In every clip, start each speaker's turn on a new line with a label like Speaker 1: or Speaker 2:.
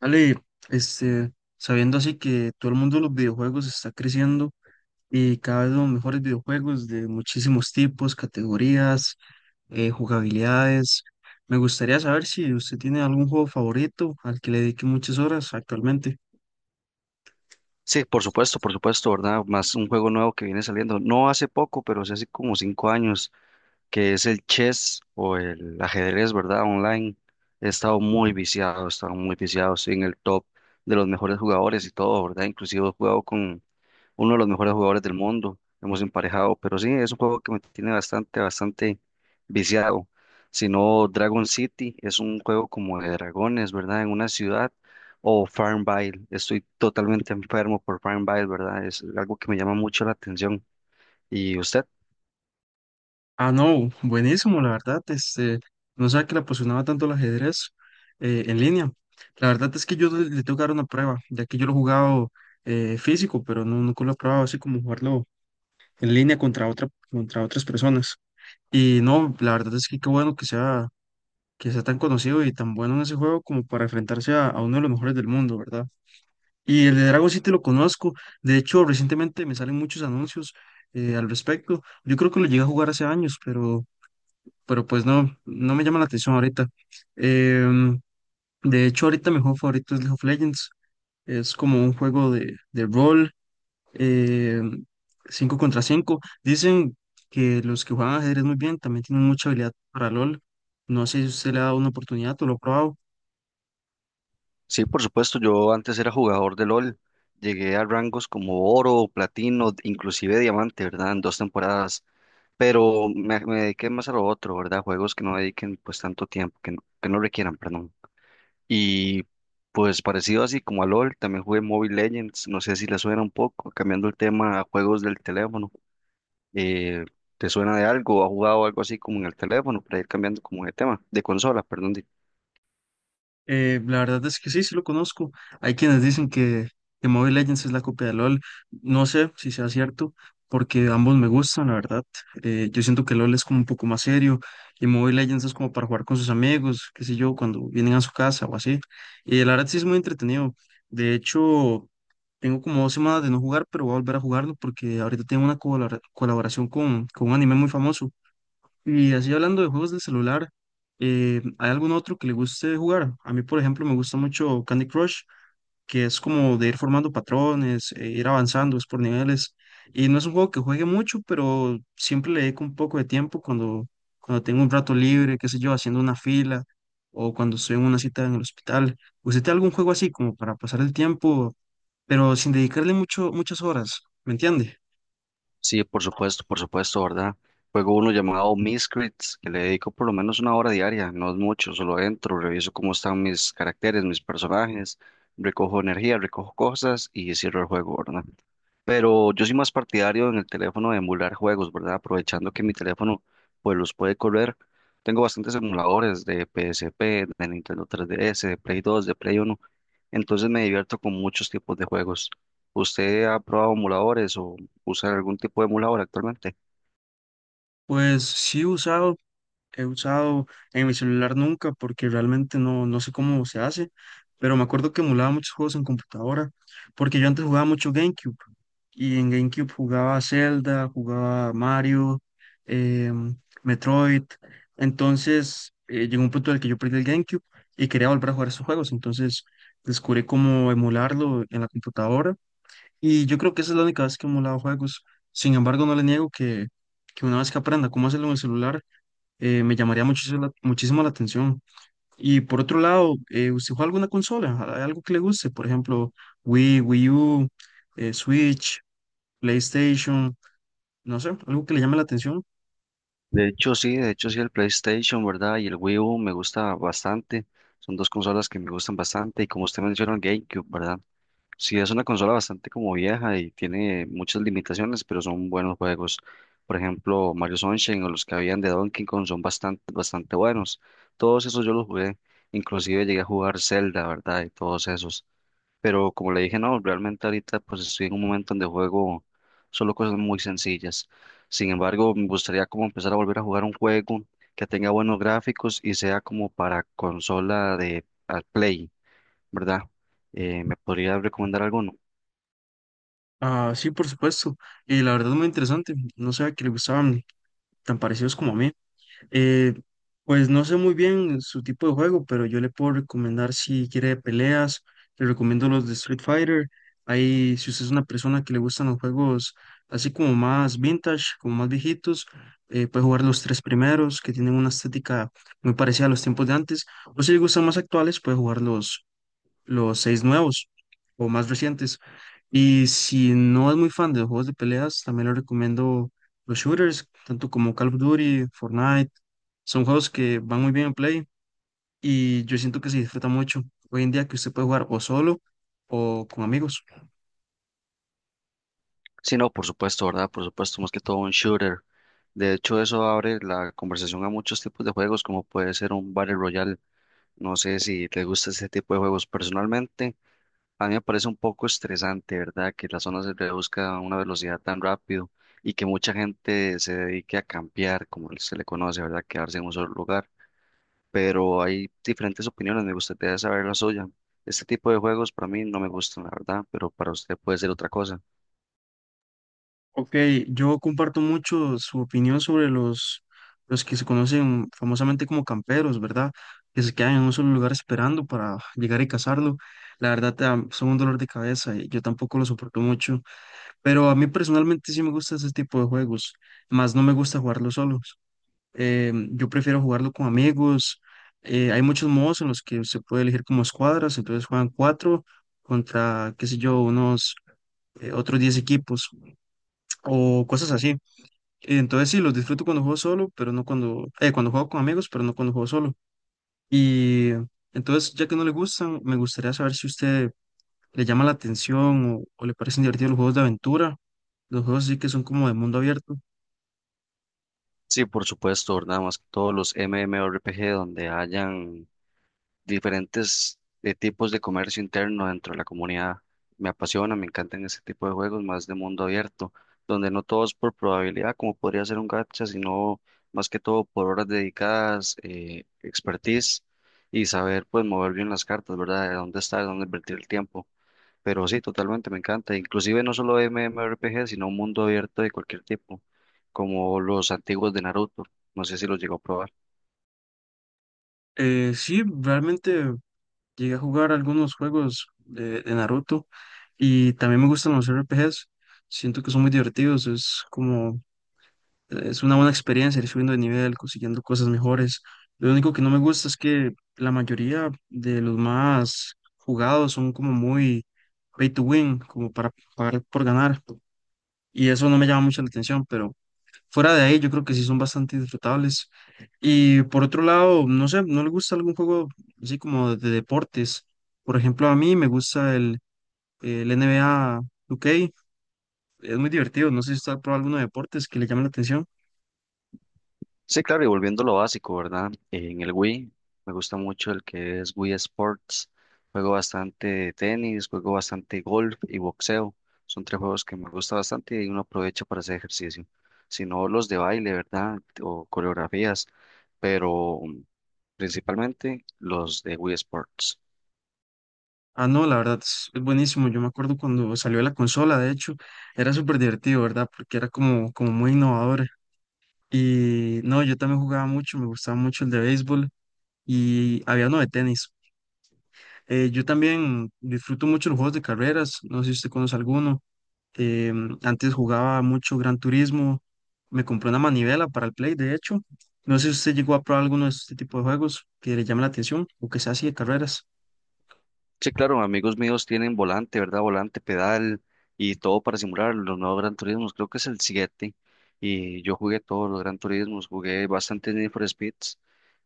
Speaker 1: Ale, este, sabiendo así que todo el mundo de los videojuegos está creciendo y cada vez los mejores videojuegos de muchísimos tipos, categorías, jugabilidades, me gustaría saber si usted tiene algún juego favorito al que le dedique muchas horas actualmente.
Speaker 2: Sí, por supuesto, ¿verdad? Más un juego nuevo que viene saliendo, no hace poco, pero sí hace como 5 años, que es el chess o el ajedrez, ¿verdad? Online. He estado muy viciado, he estado muy viciado, sí, en el top de los mejores jugadores y todo, ¿verdad? Inclusive he jugado con uno de los mejores jugadores del mundo. Hemos emparejado, pero sí, es un juego que me tiene bastante, bastante viciado. Si no, Dragon City es un juego como de dragones, ¿verdad? En una ciudad. O Farmville. Estoy totalmente enfermo por Farmville, ¿verdad? Es algo que me llama mucho la atención. ¿Y usted?
Speaker 1: Ah, no, buenísimo, la verdad, no sabía que le apasionaba tanto el ajedrez en línea. La verdad es que yo le tengo que dar una prueba, ya que yo lo he jugado físico, pero no, nunca lo he probado así como jugarlo en línea contra otra, contra otras personas. Y no, la verdad es que qué bueno que sea tan conocido y tan bueno en ese juego como para enfrentarse a uno de los mejores del mundo, ¿verdad? Y el de Dragon City lo conozco. De hecho, recientemente me salen muchos anuncios al respecto. Yo creo que lo llegué a jugar hace años, pero pues no, no me llama la atención ahorita. Em, de hecho, ahorita mi juego favorito es League of Legends. Es como un juego de rol, eh, 5 contra cinco. Dicen que los que juegan ajedrez muy bien también tienen mucha habilidad para LOL. No sé si usted le ha dado una oportunidad o lo ha probado.
Speaker 2: Sí, por supuesto, yo antes era jugador de LOL. Llegué a rangos como oro, platino, inclusive diamante, ¿verdad? En 2 temporadas. Pero me dediqué más a lo otro, ¿verdad? Juegos que no dediquen pues tanto tiempo, que no requieran, perdón. Y pues parecido así como a LOL, también jugué Mobile Legends, no sé si le suena un poco, cambiando el tema a juegos del teléfono. Eh, ¿Te suena de algo? ¿Ha jugado algo así como en el teléfono para ir cambiando como de tema, de consola, perdón?
Speaker 1: La verdad es que sí, sí lo conozco. Hay quienes dicen que Mobile Legends es la copia de LOL. No sé si sea cierto, porque ambos me gustan, la verdad. Yo siento que LOL es como un poco más serio y Mobile Legends es como para jugar con sus amigos, qué sé yo, cuando vienen a su casa o así. Y la verdad sí es muy entretenido. De hecho, tengo como dos semanas de no jugar, pero voy a volver a jugarlo porque ahorita tengo una colaboración con un anime muy famoso. Y así hablando de juegos de celular, ¿hay algún otro que le guste jugar? A mí, por ejemplo, me gusta mucho Candy Crush, que es como de ir formando patrones, ir avanzando, es por niveles. Y no es un juego que juegue mucho, pero siempre le dedico un poco de tiempo cuando, cuando tengo un rato libre, qué sé yo, haciendo una fila o cuando estoy en una cita en el hospital. ¿Usted tiene algún juego así como para pasar el tiempo, pero sin dedicarle mucho, muchas horas? ¿Me entiende?
Speaker 2: Sí, por supuesto, ¿verdad? Juego uno llamado Miscrits, que le dedico por lo menos 1 hora diaria, no es mucho, solo entro, reviso cómo están mis caracteres, mis personajes, recojo energía, recojo cosas y cierro el juego, ¿verdad? Pero yo soy más partidario en el teléfono de emular juegos, ¿verdad? Aprovechando que mi teléfono pues los puede correr. Tengo bastantes emuladores de PSP, de Nintendo 3DS, de Play 2, de Play 1. Entonces me divierto con muchos tipos de juegos. ¿Usted ha probado emuladores o usa algún tipo de emulador actualmente?
Speaker 1: Pues sí he usado he usado en mi celular nunca porque realmente no, no sé cómo se hace, pero me acuerdo que emulaba muchos juegos en computadora, porque yo antes jugaba mucho GameCube y en GameCube jugaba Zelda, jugaba Mario, em, Metroid, entonces llegó un punto en el que yo perdí el GameCube y quería volver a jugar esos juegos, entonces descubrí cómo emularlo en la computadora y yo creo que esa es la única vez que he emulado juegos. Sin embargo, no le niego que una vez que aprenda cómo hacerlo en el celular, me llamaría muchísimo la atención. Y por otro lado, ¿usted juega alguna consola? ¿Hay algo que le guste? Por ejemplo, Wii, Wii U, Switch, PlayStation, no sé, algo que le llame la atención.
Speaker 2: De hecho, sí, el PlayStation, ¿verdad? Y el Wii U me gusta bastante. Son dos consolas que me gustan bastante. Y como usted menciona, el GameCube, ¿verdad? Sí, es una consola bastante como vieja y tiene muchas limitaciones, pero son buenos juegos. Por ejemplo, Mario Sunshine o los que habían de Donkey Kong son bastante, bastante buenos. Todos esos yo los jugué. Inclusive llegué a jugar Zelda, ¿verdad? Y todos esos. Pero como le dije, no, realmente ahorita pues estoy en un momento donde juego solo cosas muy sencillas. Sin embargo, me gustaría como empezar a volver a jugar un juego que tenga buenos gráficos y sea como para consola de al Play, ¿verdad? ¿Me podría recomendar alguno?
Speaker 1: Ah, sí, por supuesto. Y la verdad es muy interesante. No sabía que le gustaban tan parecidos como a mí. Eh, pues no sé muy bien su tipo de juego, pero yo le puedo recomendar si quiere de peleas, le recomiendo los de Street Fighter. Ahí, si usted es una persona que le gustan los juegos así como más vintage, como más viejitos, puede jugar los tres primeros que tienen una estética muy parecida a los tiempos de antes. O si le gustan más actuales, puede jugar los seis nuevos o más recientes. Y si no es muy fan de los juegos de peleas, también le recomiendo los shooters, tanto como Call of Duty, Fortnite. Son juegos que van muy bien en Play y yo siento que se disfruta mucho hoy en día que usted puede jugar o solo o con amigos.
Speaker 2: Sí, no, por supuesto, ¿verdad? Por supuesto, más que todo un shooter. De hecho, eso abre la conversación a muchos tipos de juegos, como puede ser un Battle Royale. No sé si te gusta ese tipo de juegos. Personalmente, a mí me parece un poco estresante, ¿verdad? Que la zona se reduzca a una velocidad tan rápido y que mucha gente se dedique a campear, como se le conoce, ¿verdad? Quedarse en un solo lugar. Pero hay diferentes opiniones, me gustaría saber la suya. Este tipo de juegos para mí no me gustan, la verdad, pero para usted puede ser otra cosa.
Speaker 1: Ok, yo comparto mucho su opinión sobre los que se conocen famosamente como camperos, ¿verdad? Que se quedan en un solo lugar esperando para llegar y cazarlo. La verdad, son un dolor de cabeza y yo tampoco lo soporto mucho. Pero a mí personalmente sí me gusta ese tipo de juegos, más no me gusta jugarlo solos. Yo prefiero jugarlo con amigos. Hay muchos modos en los que se puede elegir como escuadras, entonces juegan cuatro contra, qué sé yo, unos otros diez equipos o cosas así. Y entonces sí, los disfruto cuando juego solo, pero no cuando, cuando juego con amigos, pero no cuando juego solo. Y entonces, ya que no le gustan, me gustaría saber si a usted le llama la atención o le parecen divertidos los juegos de aventura, los juegos sí que son como de mundo abierto.
Speaker 2: Sí, por supuesto, nada más que todos los MMORPG donde hayan diferentes tipos de comercio interno dentro de la comunidad. Me apasiona, me encantan ese tipo de juegos más de mundo abierto, donde no todo es por probabilidad, como podría ser un gacha, sino más que todo por horas dedicadas, expertise y saber pues mover bien las cartas, ¿verdad? De dónde estar, dónde invertir el tiempo. Pero sí, totalmente, me encanta. Inclusive no solo MMORPG, sino un mundo abierto de cualquier tipo, como los antiguos de Naruto. No sé si los llegó a probar.
Speaker 1: Sí, realmente llegué a jugar algunos juegos de Naruto y también me gustan los RPGs. Siento que son muy divertidos, es como… Es una buena experiencia ir subiendo de nivel, consiguiendo cosas mejores. Lo único que no me gusta es que la mayoría de los más jugados son como muy pay to win, como para pagar por ganar. Y eso no me llama mucho la atención, pero fuera de ahí yo creo que sí son bastante disfrutables. Y por otro lado, no sé, ¿no le gusta algún juego así como de deportes? Por ejemplo, a mí me gusta el N NBA 2K, es muy divertido. No sé si usted ha probado alguno de deportes que le llame la atención.
Speaker 2: Sí, claro, y volviendo a lo básico, ¿verdad? En el Wii me gusta mucho el que es Wii Sports. Juego bastante tenis, juego bastante golf y boxeo. Son tres juegos que me gusta bastante y uno aprovecha para hacer ejercicio. Si no, los de baile, ¿verdad? O coreografías, pero principalmente los de Wii Sports.
Speaker 1: Ah, no, la verdad es buenísimo. Yo me acuerdo cuando salió la consola, de hecho, era súper divertido, ¿verdad? Porque era como, como muy innovador. Y no, yo también jugaba mucho, me gustaba mucho el de béisbol y había uno de tenis. Yo también disfruto mucho los juegos de carreras, no sé si usted conoce alguno. Antes jugaba mucho Gran Turismo, me compré una manivela para el Play, de hecho. No sé si usted llegó a probar alguno de este tipo de juegos que le llame la atención o que sea así de carreras.
Speaker 2: Sí, claro, amigos míos tienen volante, ¿verdad? Volante, pedal y todo para simular los nuevos Gran Turismos. Creo que es el 7 y yo jugué todos los Gran Turismos, jugué bastante Need for Speeds,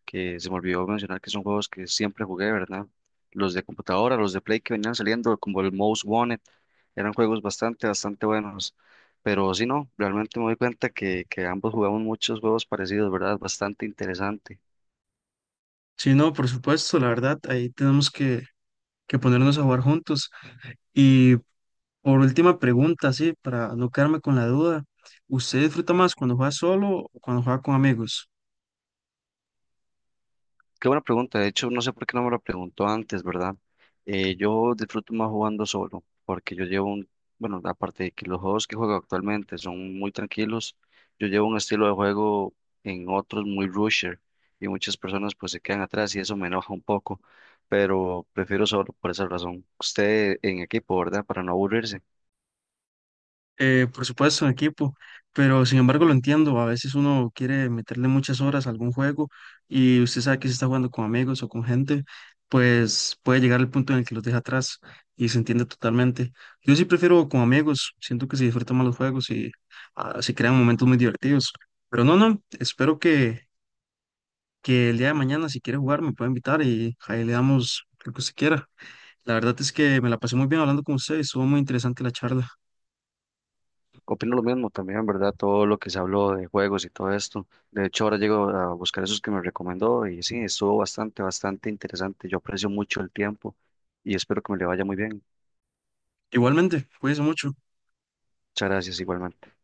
Speaker 2: que se me olvidó mencionar que son juegos que siempre jugué, ¿verdad? Los de computadora, los de Play que venían saliendo, como el Most Wanted, eran juegos bastante, bastante buenos. Pero sí, no, realmente me doy cuenta que ambos jugamos muchos juegos parecidos, ¿verdad? Bastante interesante.
Speaker 1: Sí, no, por supuesto, la verdad, ahí tenemos que ponernos a jugar juntos. Y por última pregunta, sí, para no quedarme con la duda, ¿usted disfruta más cuando juega solo o cuando juega con amigos?
Speaker 2: Qué buena pregunta. De hecho, no sé por qué no me lo preguntó antes, ¿verdad? Yo disfruto más jugando solo, porque yo llevo un, bueno, aparte de que los juegos que juego actualmente son muy tranquilos, yo llevo un estilo de juego en otros muy rusher y muchas personas pues se quedan atrás y eso me enoja un poco, pero prefiero solo por esa razón. Usted en equipo, ¿verdad? Para no aburrirse.
Speaker 1: Por supuesto, en equipo, pero sin embargo lo entiendo, a veces uno quiere meterle muchas horas a algún juego y usted sabe que si está jugando con amigos o con gente, pues puede llegar al punto en el que los deja atrás y se entiende totalmente. Yo sí prefiero con amigos, siento que se disfrutan más los juegos y se crean momentos muy divertidos. Pero no, no, espero que el día de mañana, si quiere jugar, me puede invitar y ahí le damos lo que usted quiera. La verdad es que me la pasé muy bien hablando con usted y estuvo muy interesante la charla.
Speaker 2: Opino lo mismo también, ¿verdad? Todo lo que se habló de juegos y todo esto. De hecho, ahora llego a buscar esos que me recomendó y sí, estuvo bastante, bastante interesante. Yo aprecio mucho el tiempo y espero que me le vaya muy bien.
Speaker 1: Igualmente, cuídense mucho.
Speaker 2: Muchas gracias igualmente.